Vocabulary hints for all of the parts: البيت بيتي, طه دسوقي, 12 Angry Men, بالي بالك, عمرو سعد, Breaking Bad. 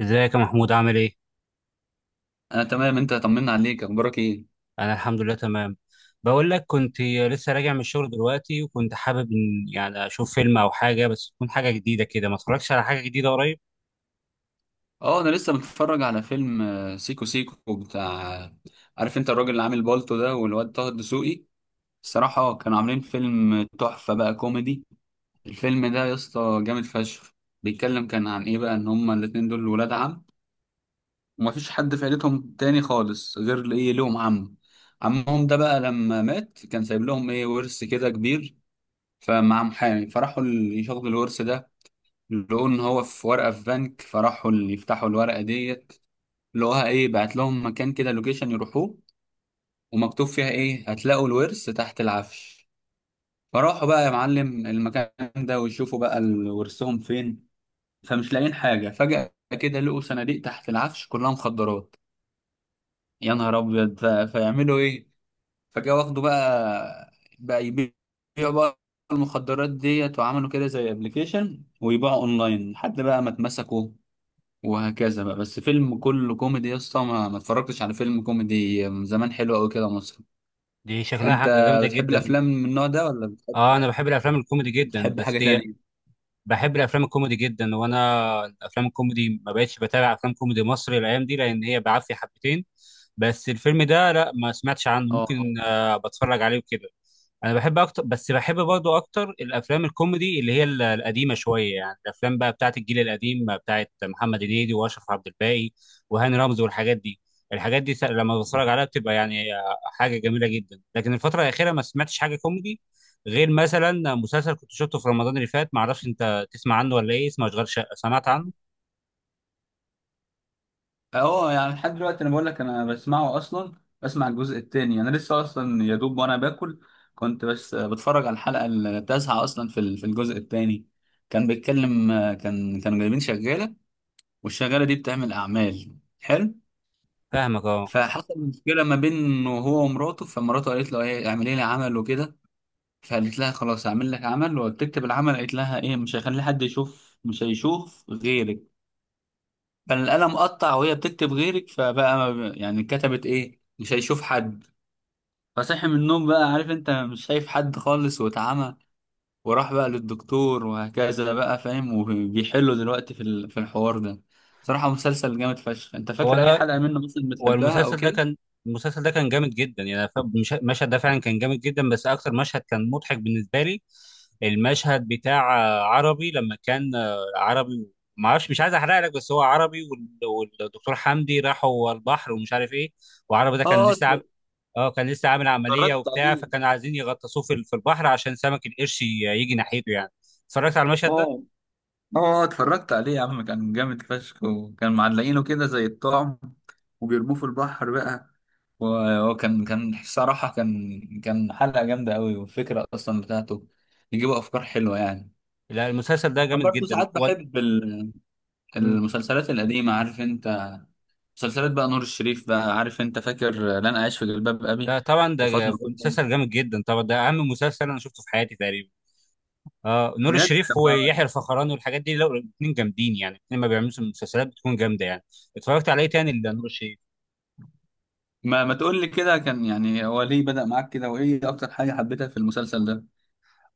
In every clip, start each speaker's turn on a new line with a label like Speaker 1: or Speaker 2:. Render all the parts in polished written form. Speaker 1: ازيك يا محمود عامل ايه؟
Speaker 2: انا تمام. انت طمنا عليك، اخبارك ايه؟
Speaker 1: انا الحمد لله تمام. بقول لك كنت لسه راجع من الشغل دلوقتي، وكنت حابب ان يعني اشوف فيلم او حاجه، بس تكون حاجه جديده كده، ما اتفرجتش على حاجه جديده قريب.
Speaker 2: اه، انا لسه متفرج على فيلم سيكو سيكو بتاع. عارف انت الراجل اللي عامل بالطو ده والواد طه الدسوقي. الصراحه كانوا عاملين فيلم تحفه بقى كوميدي. الفيلم ده يا اسطى جامد فشخ. بيتكلم كان عن ايه بقى؟ ان هما الاتنين دول ولاد عم، ومفيش حد في عيلتهم تاني خالص غير ايه، لهم عم. عمهم ده بقى لما مات كان سايب لهم ايه، ورث كده كبير. فمع محامي فراحوا يشغلوا الورث ده. لقوا ان هو في ورقه في بنك، فراحوا اللي يفتحوا الورقه ديت. لقوها ايه، بعت لهم مكان كده، لوكيشن يروحوه، ومكتوب فيها ايه، هتلاقوا الورث تحت العفش. فراحوا بقى يا معلم المكان ده ويشوفوا بقى ورثهم فين. فمش لاقيين حاجه. فجأة كده لقوا صناديق تحت العفش كلها مخدرات. يا نهار ابيض! فيعملوا ايه؟ فجأة واخدوا بقى، بقى يبيعوا بقى المخدرات ديت، وعملوا كده زي ابلكيشن ويبيعوا اونلاين لحد بقى ما اتمسكوا. وهكذا بقى. بس فيلم كله كوميدي يا اسطى، ما اتفرجتش على فيلم كوميدي من زمان حلو قوي كده مصري.
Speaker 1: دي شكلها
Speaker 2: انت
Speaker 1: حاجه جامده
Speaker 2: بتحب
Speaker 1: جدا.
Speaker 2: الافلام من النوع ده ولا بتحب؟
Speaker 1: اه، انا بحب الافلام الكوميدي جدا
Speaker 2: بتحب
Speaker 1: بس
Speaker 2: حاجه
Speaker 1: دي.
Speaker 2: تانية؟
Speaker 1: بحب الافلام الكوميدي جدا، وانا الافلام الكوميدي ما بقتش بتابع افلام كوميدي مصري الايام دي، لان هي بعافيه حبتين. بس الفيلم ده لا ما سمعتش عنه،
Speaker 2: اه.
Speaker 1: ممكن بتفرج عليه وكده. انا بحب اكتر، بس بحب برضو اكتر الافلام الكوميدي اللي هي القديمه شويه، يعني الافلام بقى بتاعت الجيل القديم، بتاعت محمد هنيدي واشرف عبد الباقي وهاني رمزي والحاجات دي. الحاجات دي لما بتفرج عليها بتبقى يعني حاجه جميله جدا. لكن الفتره الاخيره ما سمعتش حاجه كوميدي، غير مثلا مسلسل كنت شفته في رمضان اللي فات، ما اعرفش انت تسمع عنه ولا ايه، اسمه اشغال شقه، سمعت عنه؟
Speaker 2: اه، يعني لحد دلوقتي انا بقول لك انا بسمعه اصلا. بسمع الجزء التاني، انا لسه اصلا يا دوب وانا باكل كنت بس بتفرج على الحلقه التاسعه اصلا في في الجزء التاني. كان بيتكلم، كانوا جايبين شغاله، والشغاله دي بتعمل اعمال حلو.
Speaker 1: فاهمك، اه.
Speaker 2: فحصل مشكله ما بينه هو ومراته، فمراته قالت له ايه، اعملي لي عمل وكده. فقالت لها خلاص هعمل لك عمل، وبتكتب العمل قالت لها ايه، مش هيخلي حد يشوف، مش هيشوف غيرك. فالقلم قطع وهي بتكتب غيرك، فبقى ما ب- يعني كتبت ايه، مش هيشوف حد. فصحي من النوم بقى، عارف انت، مش شايف حد خالص واتعمى. وراح بقى للدكتور وهكذا بقى، فاهم، وبيحلوا دلوقتي في في الحوار ده. صراحة مسلسل جامد فشخ. انت
Speaker 1: هو
Speaker 2: فاكر اي
Speaker 1: انا.
Speaker 2: حلقة منه مثلا بتحبها او
Speaker 1: والمسلسل ده
Speaker 2: كده؟
Speaker 1: كان. المسلسل ده كان جامد جدا، يعني المشهد ده فعلا كان جامد جدا، بس اكتر مشهد كان مضحك بالنسبه لي المشهد بتاع عربي لما كان عربي. ما اعرفش، مش عايز احرق لك، بس هو عربي والدكتور حمدي راحوا البحر ومش عارف ايه، وعربي ده كان
Speaker 2: اه،
Speaker 1: لسه عامل. اه، كان لسه عامل عمليه
Speaker 2: اتفرجت
Speaker 1: وبتاع،
Speaker 2: عليه.
Speaker 1: فكانوا عايزين يغطسوه في في البحر عشان سمك القرش يجي ناحيته يعني. اتفرجت على المشهد ده.
Speaker 2: اه، اه، اتفرجت عليه يا عم، كان جامد فشخ. وكان معلقينه كده زي الطعم وبيرموه في البحر بقى. وكان صراحة كان حلقة جامدة قوي، والفكرة أصلا بتاعته بيجيبوا أفكار حلوة يعني.
Speaker 1: لا المسلسل ده
Speaker 2: أنا
Speaker 1: جامد
Speaker 2: برضه
Speaker 1: جدا
Speaker 2: ساعات
Speaker 1: و...
Speaker 2: بحب المسلسلات القديمة، عارف أنت؟ مسلسلات بقى نور الشريف بقى، عارف أنت فاكر؟ لن أعيش في جلباب أبي،
Speaker 1: ده طبعا ده
Speaker 2: وفاطمة، كلها
Speaker 1: مسلسل جامد جدا، طبعا ده اهم مسلسل انا شفته في حياتي تقريبا. اه، نور
Speaker 2: بجد.
Speaker 1: الشريف
Speaker 2: طب ما
Speaker 1: ويحيى الفخراني والحاجات دي لو الاثنين جامدين يعني، الاثنين ما بيعملوا مسلسلات بتكون جامده يعني. اتفرجت عليه تاني لنور الشريف.
Speaker 2: ما ما تقول لي كده كان يعني هو ليه بدأ معاك كده، وإيه أكتر حاجة حبيتها في المسلسل ده؟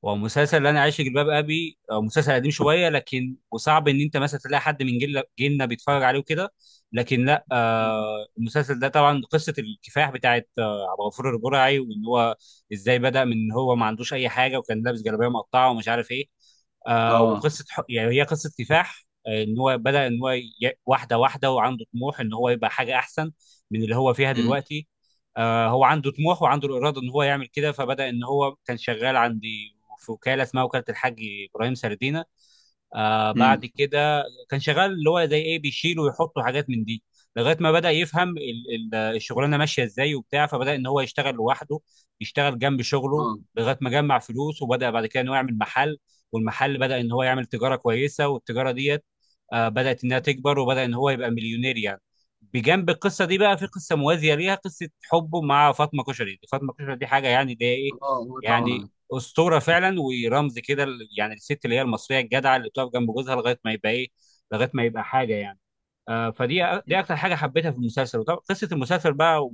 Speaker 1: ومسلسل اللي انا عايش في جلباب ابي مسلسل قديم شويه لكن، وصعب ان انت مثلا تلاقي حد من جيل جيلنا بيتفرج عليه وكده، لكن لا
Speaker 2: مم.
Speaker 1: المسلسل ده طبعا قصه الكفاح بتاعت عبد الغفور البرعي، وان هو ازاي بدا من إن هو ما عندوش اي حاجه وكان لابس جلابيه مقطعه ومش عارف ايه.
Speaker 2: اه.
Speaker 1: وقصه يعني هي قصه كفاح، ان هو بدا ان هو واحده واحده، وعنده طموح ان هو يبقى حاجه احسن من اللي هو فيها دلوقتي. هو عنده طموح وعنده الاراده ان هو يعمل كده، فبدا ان هو كان شغال عند، في وكاله اسمها وكاله الحاج ابراهيم سردينه. بعد
Speaker 2: امم
Speaker 1: كده كان شغال اللي هو زي ايه بيشيل ويحط حاجات من دي، لغايه ما بدا يفهم الشغلانه ماشيه ازاي وبتاع، فبدا ان هو يشتغل لوحده، يشتغل جنب شغله
Speaker 2: اه،
Speaker 1: لغايه ما جمع فلوس، وبدا بعد كده ان هو يعمل محل. والمحل بدا ان هو يعمل تجاره كويسه، والتجاره ديت بدات انها تكبر، وبدا ان هو يبقى مليونير يعني. بجنب القصه دي بقى في قصه موازيه ليها، قصه حبه مع فاطمه كشري. فاطمه كشري دي حاجه يعني اللي هي ايه
Speaker 2: اه، هو
Speaker 1: يعني،
Speaker 2: طبعا
Speaker 1: اسطوره فعلا ورمز كده، يعني الست اللي هي المصريه الجدعه اللي بتقف جنب جوزها لغايه ما يبقى ايه، لغايه ما يبقى حاجه يعني. فدي أ- دي اكتر حاجه حبيتها في المسلسل، وطبعا قصه المسلسل بقى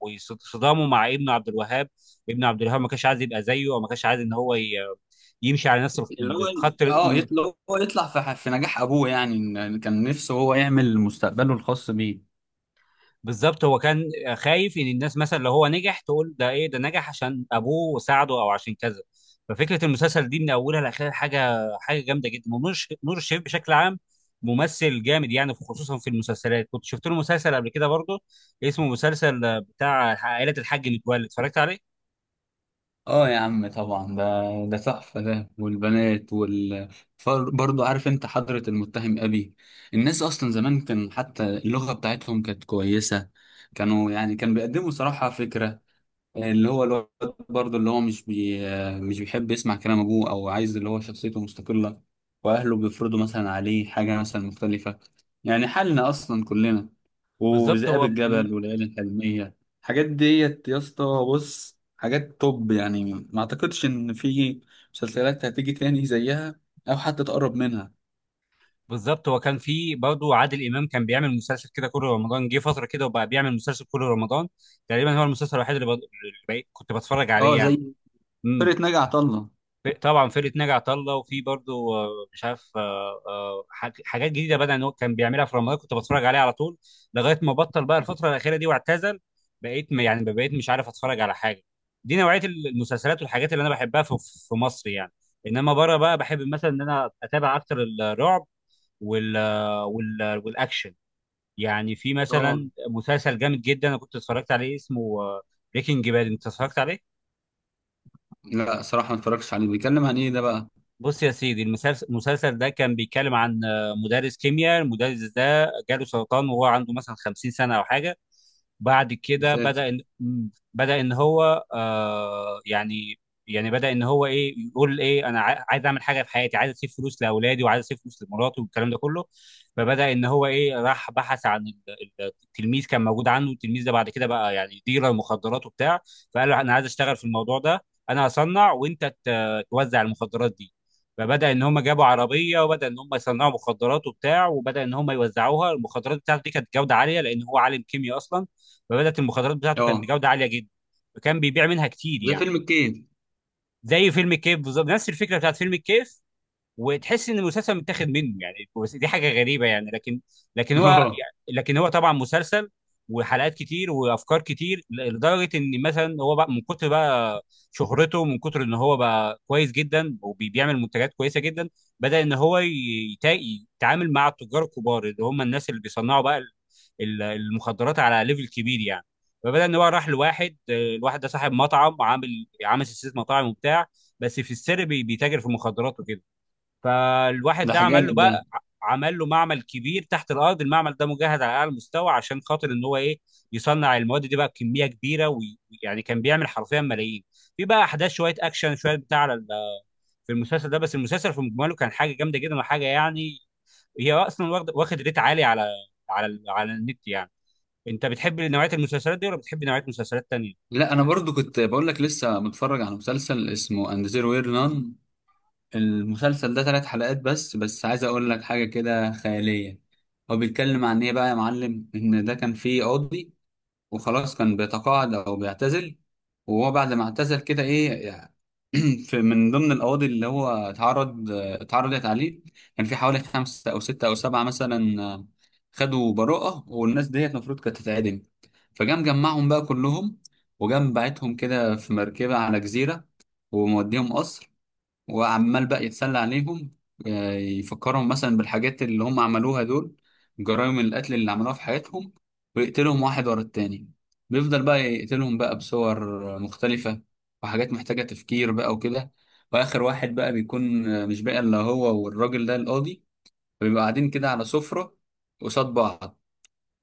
Speaker 1: وصدامه مع ابنه عبد الوهاب. ابن عبد الوهاب ما كانش عايز يبقى زيه، او ما كانش عايز ان هو يمشي على نفس
Speaker 2: اللي هو.
Speaker 1: الخط.
Speaker 2: اه، اللي هو يطلع في في نجاح ابوه يعني، إن كان نفسه هو يعمل مستقبله الخاص بيه.
Speaker 1: بالظبط، هو كان خايف ان الناس مثلا لو هو نجح تقول ده ايه، ده نجح عشان ابوه ساعده او عشان كذا. ففكره المسلسل دي من اولها لاخرها حاجه حاجه جامده جدا. ونور الش- نور الشريف بشكل عام ممثل جامد يعني، خصوصا في المسلسلات. كنت شفت له مسلسل قبل كده برضه اسمه مسلسل بتاع عائله الحاج متولي، اتفرجت عليه.
Speaker 2: اه يا عم طبعا ده، ده تحفه ده، والبنات برضه عارف انت حضرة المتهم ابي. الناس اصلا زمان كان حتى اللغه بتاعتهم كانت كويسه، كانوا يعني كان بيقدموا صراحه فكره اللي هو الواد، برضه اللي هو مش بيحب يسمع كلام ابوه او عايز اللي هو شخصيته مستقلة، واهله بيفرضوا مثلا عليه حاجة مثلا مختلفة. يعني حالنا اصلا كلنا.
Speaker 1: بالظبط
Speaker 2: وذئاب
Speaker 1: هو
Speaker 2: الجبل والليالي الحلمية، الحاجات ديت يا اسطى، بص حاجات توب يعني. ما اعتقدش ان في مسلسلات هتيجي تاني زيها او حتى تقرب منها.
Speaker 1: كان في برضه عادل امام كان بيعمل مسلسل كده كل رمضان، جه فتره كده وبقى بيعمل مسلسل كل رمضان تقريبا، هو المسلسل الوحيد اللي كنت بتفرج عليه
Speaker 2: اه، زي
Speaker 1: يعني. مم.
Speaker 2: فرقة ناجي عطا الله.
Speaker 1: طبعا فرقه ناجي عطا الله، وفي برضو مش عارف حاجات جديده بدا إن هو كان بيعملها في رمضان، كنت بتفرج عليه على طول، لغايه ما بطل بقى الفتره الاخيره دي واعتزل. يعني بقيت مش عارف اتفرج على حاجه. دي نوعيه المسلسلات والحاجات اللي انا بحبها في مصر يعني. انما بره بقى بحب مثلا ان انا اتابع اكتر الرعب وال والاكشن يعني. في
Speaker 2: اه،
Speaker 1: مثلا مسلسل جامد جدا انا كنت اتفرجت عليه اسمه بريكنج باد، انت اتفرجت عليه؟
Speaker 2: لا صراحة ما اتفرجتش عليه. بيتكلم عن ايه ده بقى؟
Speaker 1: بص يا سيدي المسلسل ده كان بيتكلم عن مدرس كيمياء. المدرس ده جاله سرطان وهو عنده مثلا 50 سنة أو حاجة. بعد كده
Speaker 2: مسلسل.
Speaker 1: بدأ إن هو يعني، بدأ إن هو إيه، يقول إيه أنا عايز أعمل حاجة في حياتي، عايز أسيب فلوس لأولادي وعايز أسيب فلوس لمراتي والكلام ده كله. فبدأ إن هو إيه راح بحث عن التلميذ كان موجود عنه، التلميذ ده بعد كده بقى يعني ديلر مخدرات وبتاع. فقال له أنا عايز أشتغل في الموضوع ده، أنا هصنع وأنت توزع المخدرات دي. فبدأ إن هم جابوا عربية، وبدأ إن هم يصنعوا مخدرات وبتاع، وبدأ إن هم يوزعوها. المخدرات بتاعته دي كانت جودة عالية لأن هو عالم كيمياء أصلا، فبدات المخدرات بتاعته كانت
Speaker 2: اه،
Speaker 1: بجوده عاليه جدا، وكان بيبيع منها كتير
Speaker 2: زي
Speaker 1: يعني.
Speaker 2: فيلم الكيد.
Speaker 1: زي فيلم الكيف بالظبط، نفس الفكره بتاعت فيلم الكيف، وتحس ان المسلسل متاخد منه يعني، بس دي حاجه غريبه يعني. لكن هو
Speaker 2: اه.
Speaker 1: يعني، لكن هو طبعا مسلسل وحلقات كتير وافكار كتير، لدرجه ان مثلا هو بقى من كتر بقى شهرته، من كتر ان هو بقى كويس جدا وبيعمل منتجات كويسه جدا، بدا ان هو يتعامل مع التجار الكبار اللي هم الناس اللي بيصنعوا بقى المخدرات على ليفل كبير يعني. فبدأ ان هو راح لواحد، الواحد ده صاحب مطعم، عامل سلسله مطاعم وبتاع، بس في السر بيتاجر في المخدرات وكده. فالواحد
Speaker 2: ده
Speaker 1: ده عمل
Speaker 2: جامد
Speaker 1: له
Speaker 2: ده.
Speaker 1: بقى عمل له معمل كبير تحت الارض. المعمل ده مجهز على اعلى مستوى عشان خاطر ان هو ايه يصنع المواد دي بقى بكميه كبيره، ويعني كان بيعمل حرفيا ملايين. في بقى احداث شويه اكشن شويه بتاع على في المسلسل ده، بس المسلسل في مجمله كان حاجه جامده جدا وحاجه يعني، هي اصلا واخد ريت عالي على على النت يعني. انت بتحب نوعيه المسلسلات دي ولا بتحب نوعيه مسلسلات تانية؟
Speaker 2: لا انا برضو كنت بقول لك لسه متفرج على مسلسل اسمه اند زيرو وير نان. المسلسل ده ثلاث حلقات بس، بس عايز اقول لك حاجه كده خياليه. هو بيتكلم عن ايه بقى يا معلم؟ ان ده كان فيه قاضي، وخلاص كان بيتقاعد او بيعتزل. وهو بعد ما اعتزل كده ايه يعني، في من ضمن القواضي اللي هو اتعرضت عليه، كان في حوالي خمسة او ستة او سبعة مثلا، خدوا براءة والناس ديت المفروض كانت تتعدم. فجام جمعهم بقى كلهم، وجام بعتهم كده في مركبة على جزيرة، وموديهم قصر، وعمال بقى يتسلى عليهم، يفكرهم مثلا بالحاجات اللي هم عملوها دول، جرائم القتل اللي عملوها في حياتهم، ويقتلهم واحد ورا التاني. بيفضل بقى يقتلهم بقى بصور مختلفة، وحاجات محتاجة تفكير بقى وكده. وآخر واحد بقى بيكون، مش بقى إلا هو والراجل ده القاضي. فبيبقى قاعدين كده على سفرة قصاد بعض،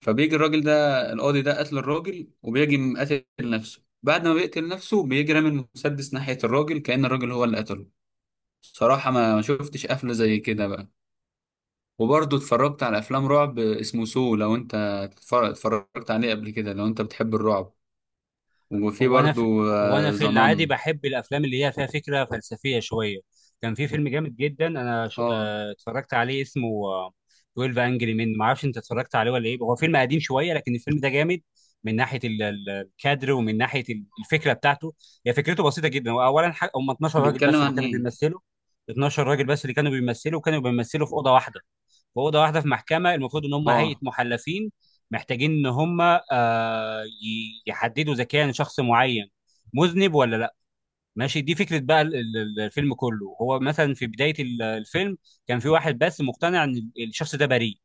Speaker 2: فبيجي الراجل ده القاضي ده قتل الراجل، وبيجي مقتل نفسه. بعد ما بيقتل نفسه بيجي رامي المسدس ناحية الراجل كأن الراجل هو اللي قتله. صراحة ما شفتش قفلة زي كده بقى. وبرضه اتفرجت على أفلام رعب اسمه سو لو، أنت اتفرجت عليه قبل كده لو أنت بتحب الرعب؟ وفي
Speaker 1: هو انا
Speaker 2: برضه
Speaker 1: في... هو انا في العادي
Speaker 2: زنان.
Speaker 1: بحب الافلام اللي هي فيها فكره فلسفيه شويه. كان في فيلم جامد جدا انا
Speaker 2: اه،
Speaker 1: اتفرجت عليه اسمه 12 انجري من، ما اعرفش انت اتفرجت عليه ولا ايه. هو فيلم قديم شويه، لكن الفيلم ده جامد، من ناحيه الكادر، ومن ناحيه الفكره بتاعته. هي فكرته بسيطه جدا، هو اولا هم 12 راجل
Speaker 2: بيتكلم
Speaker 1: بس اللي
Speaker 2: عن
Speaker 1: كانوا
Speaker 2: إيه؟
Speaker 1: بيمثلوا، 12 راجل بس اللي كانوا بيمثلوا، وكانوا بيمثلوا في اوضه واحده، واوضه واحده في محكمه، المفروض ان هم هيئه
Speaker 2: اه،
Speaker 1: محلفين محتاجين ان هم يحددوا اذا كان شخص معين مذنب ولا لا. ماشي، دي فكره بقى الفيلم كله. هو مثلا في بدايه الفيلم، كان في واحد بس مقتنع ان الشخص ده بريء،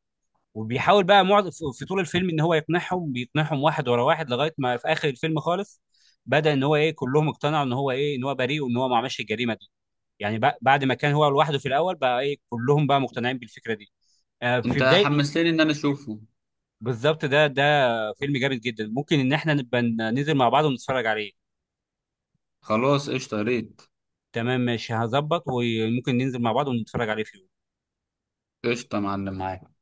Speaker 1: وبيحاول بقى في طول الفيلم ان هو يقنعهم، بيقنعهم واحد ورا واحد، لغايه ما في اخر الفيلم خالص بدأ ان هو ايه، كلهم اقتنعوا ان هو ايه، ان هو بريء وان هو ما عملش الجريمه دي. يعني بعد ما كان هو لوحده في الاول، بقى ايه كلهم بقى مقتنعين بالفكره دي. في
Speaker 2: أنت
Speaker 1: بدايه.
Speaker 2: حمستني إن أنا أشوفه.
Speaker 1: بالظبط، ده فيلم جامد جدا، ممكن ان احنا نبقى ننزل مع بعض ونتفرج عليه.
Speaker 2: خلاص قشطة يا ريت.
Speaker 1: تمام، ماشي، هظبط، وممكن ننزل مع بعض ونتفرج عليه في يوم.
Speaker 2: قشطة يا معلم، معاك.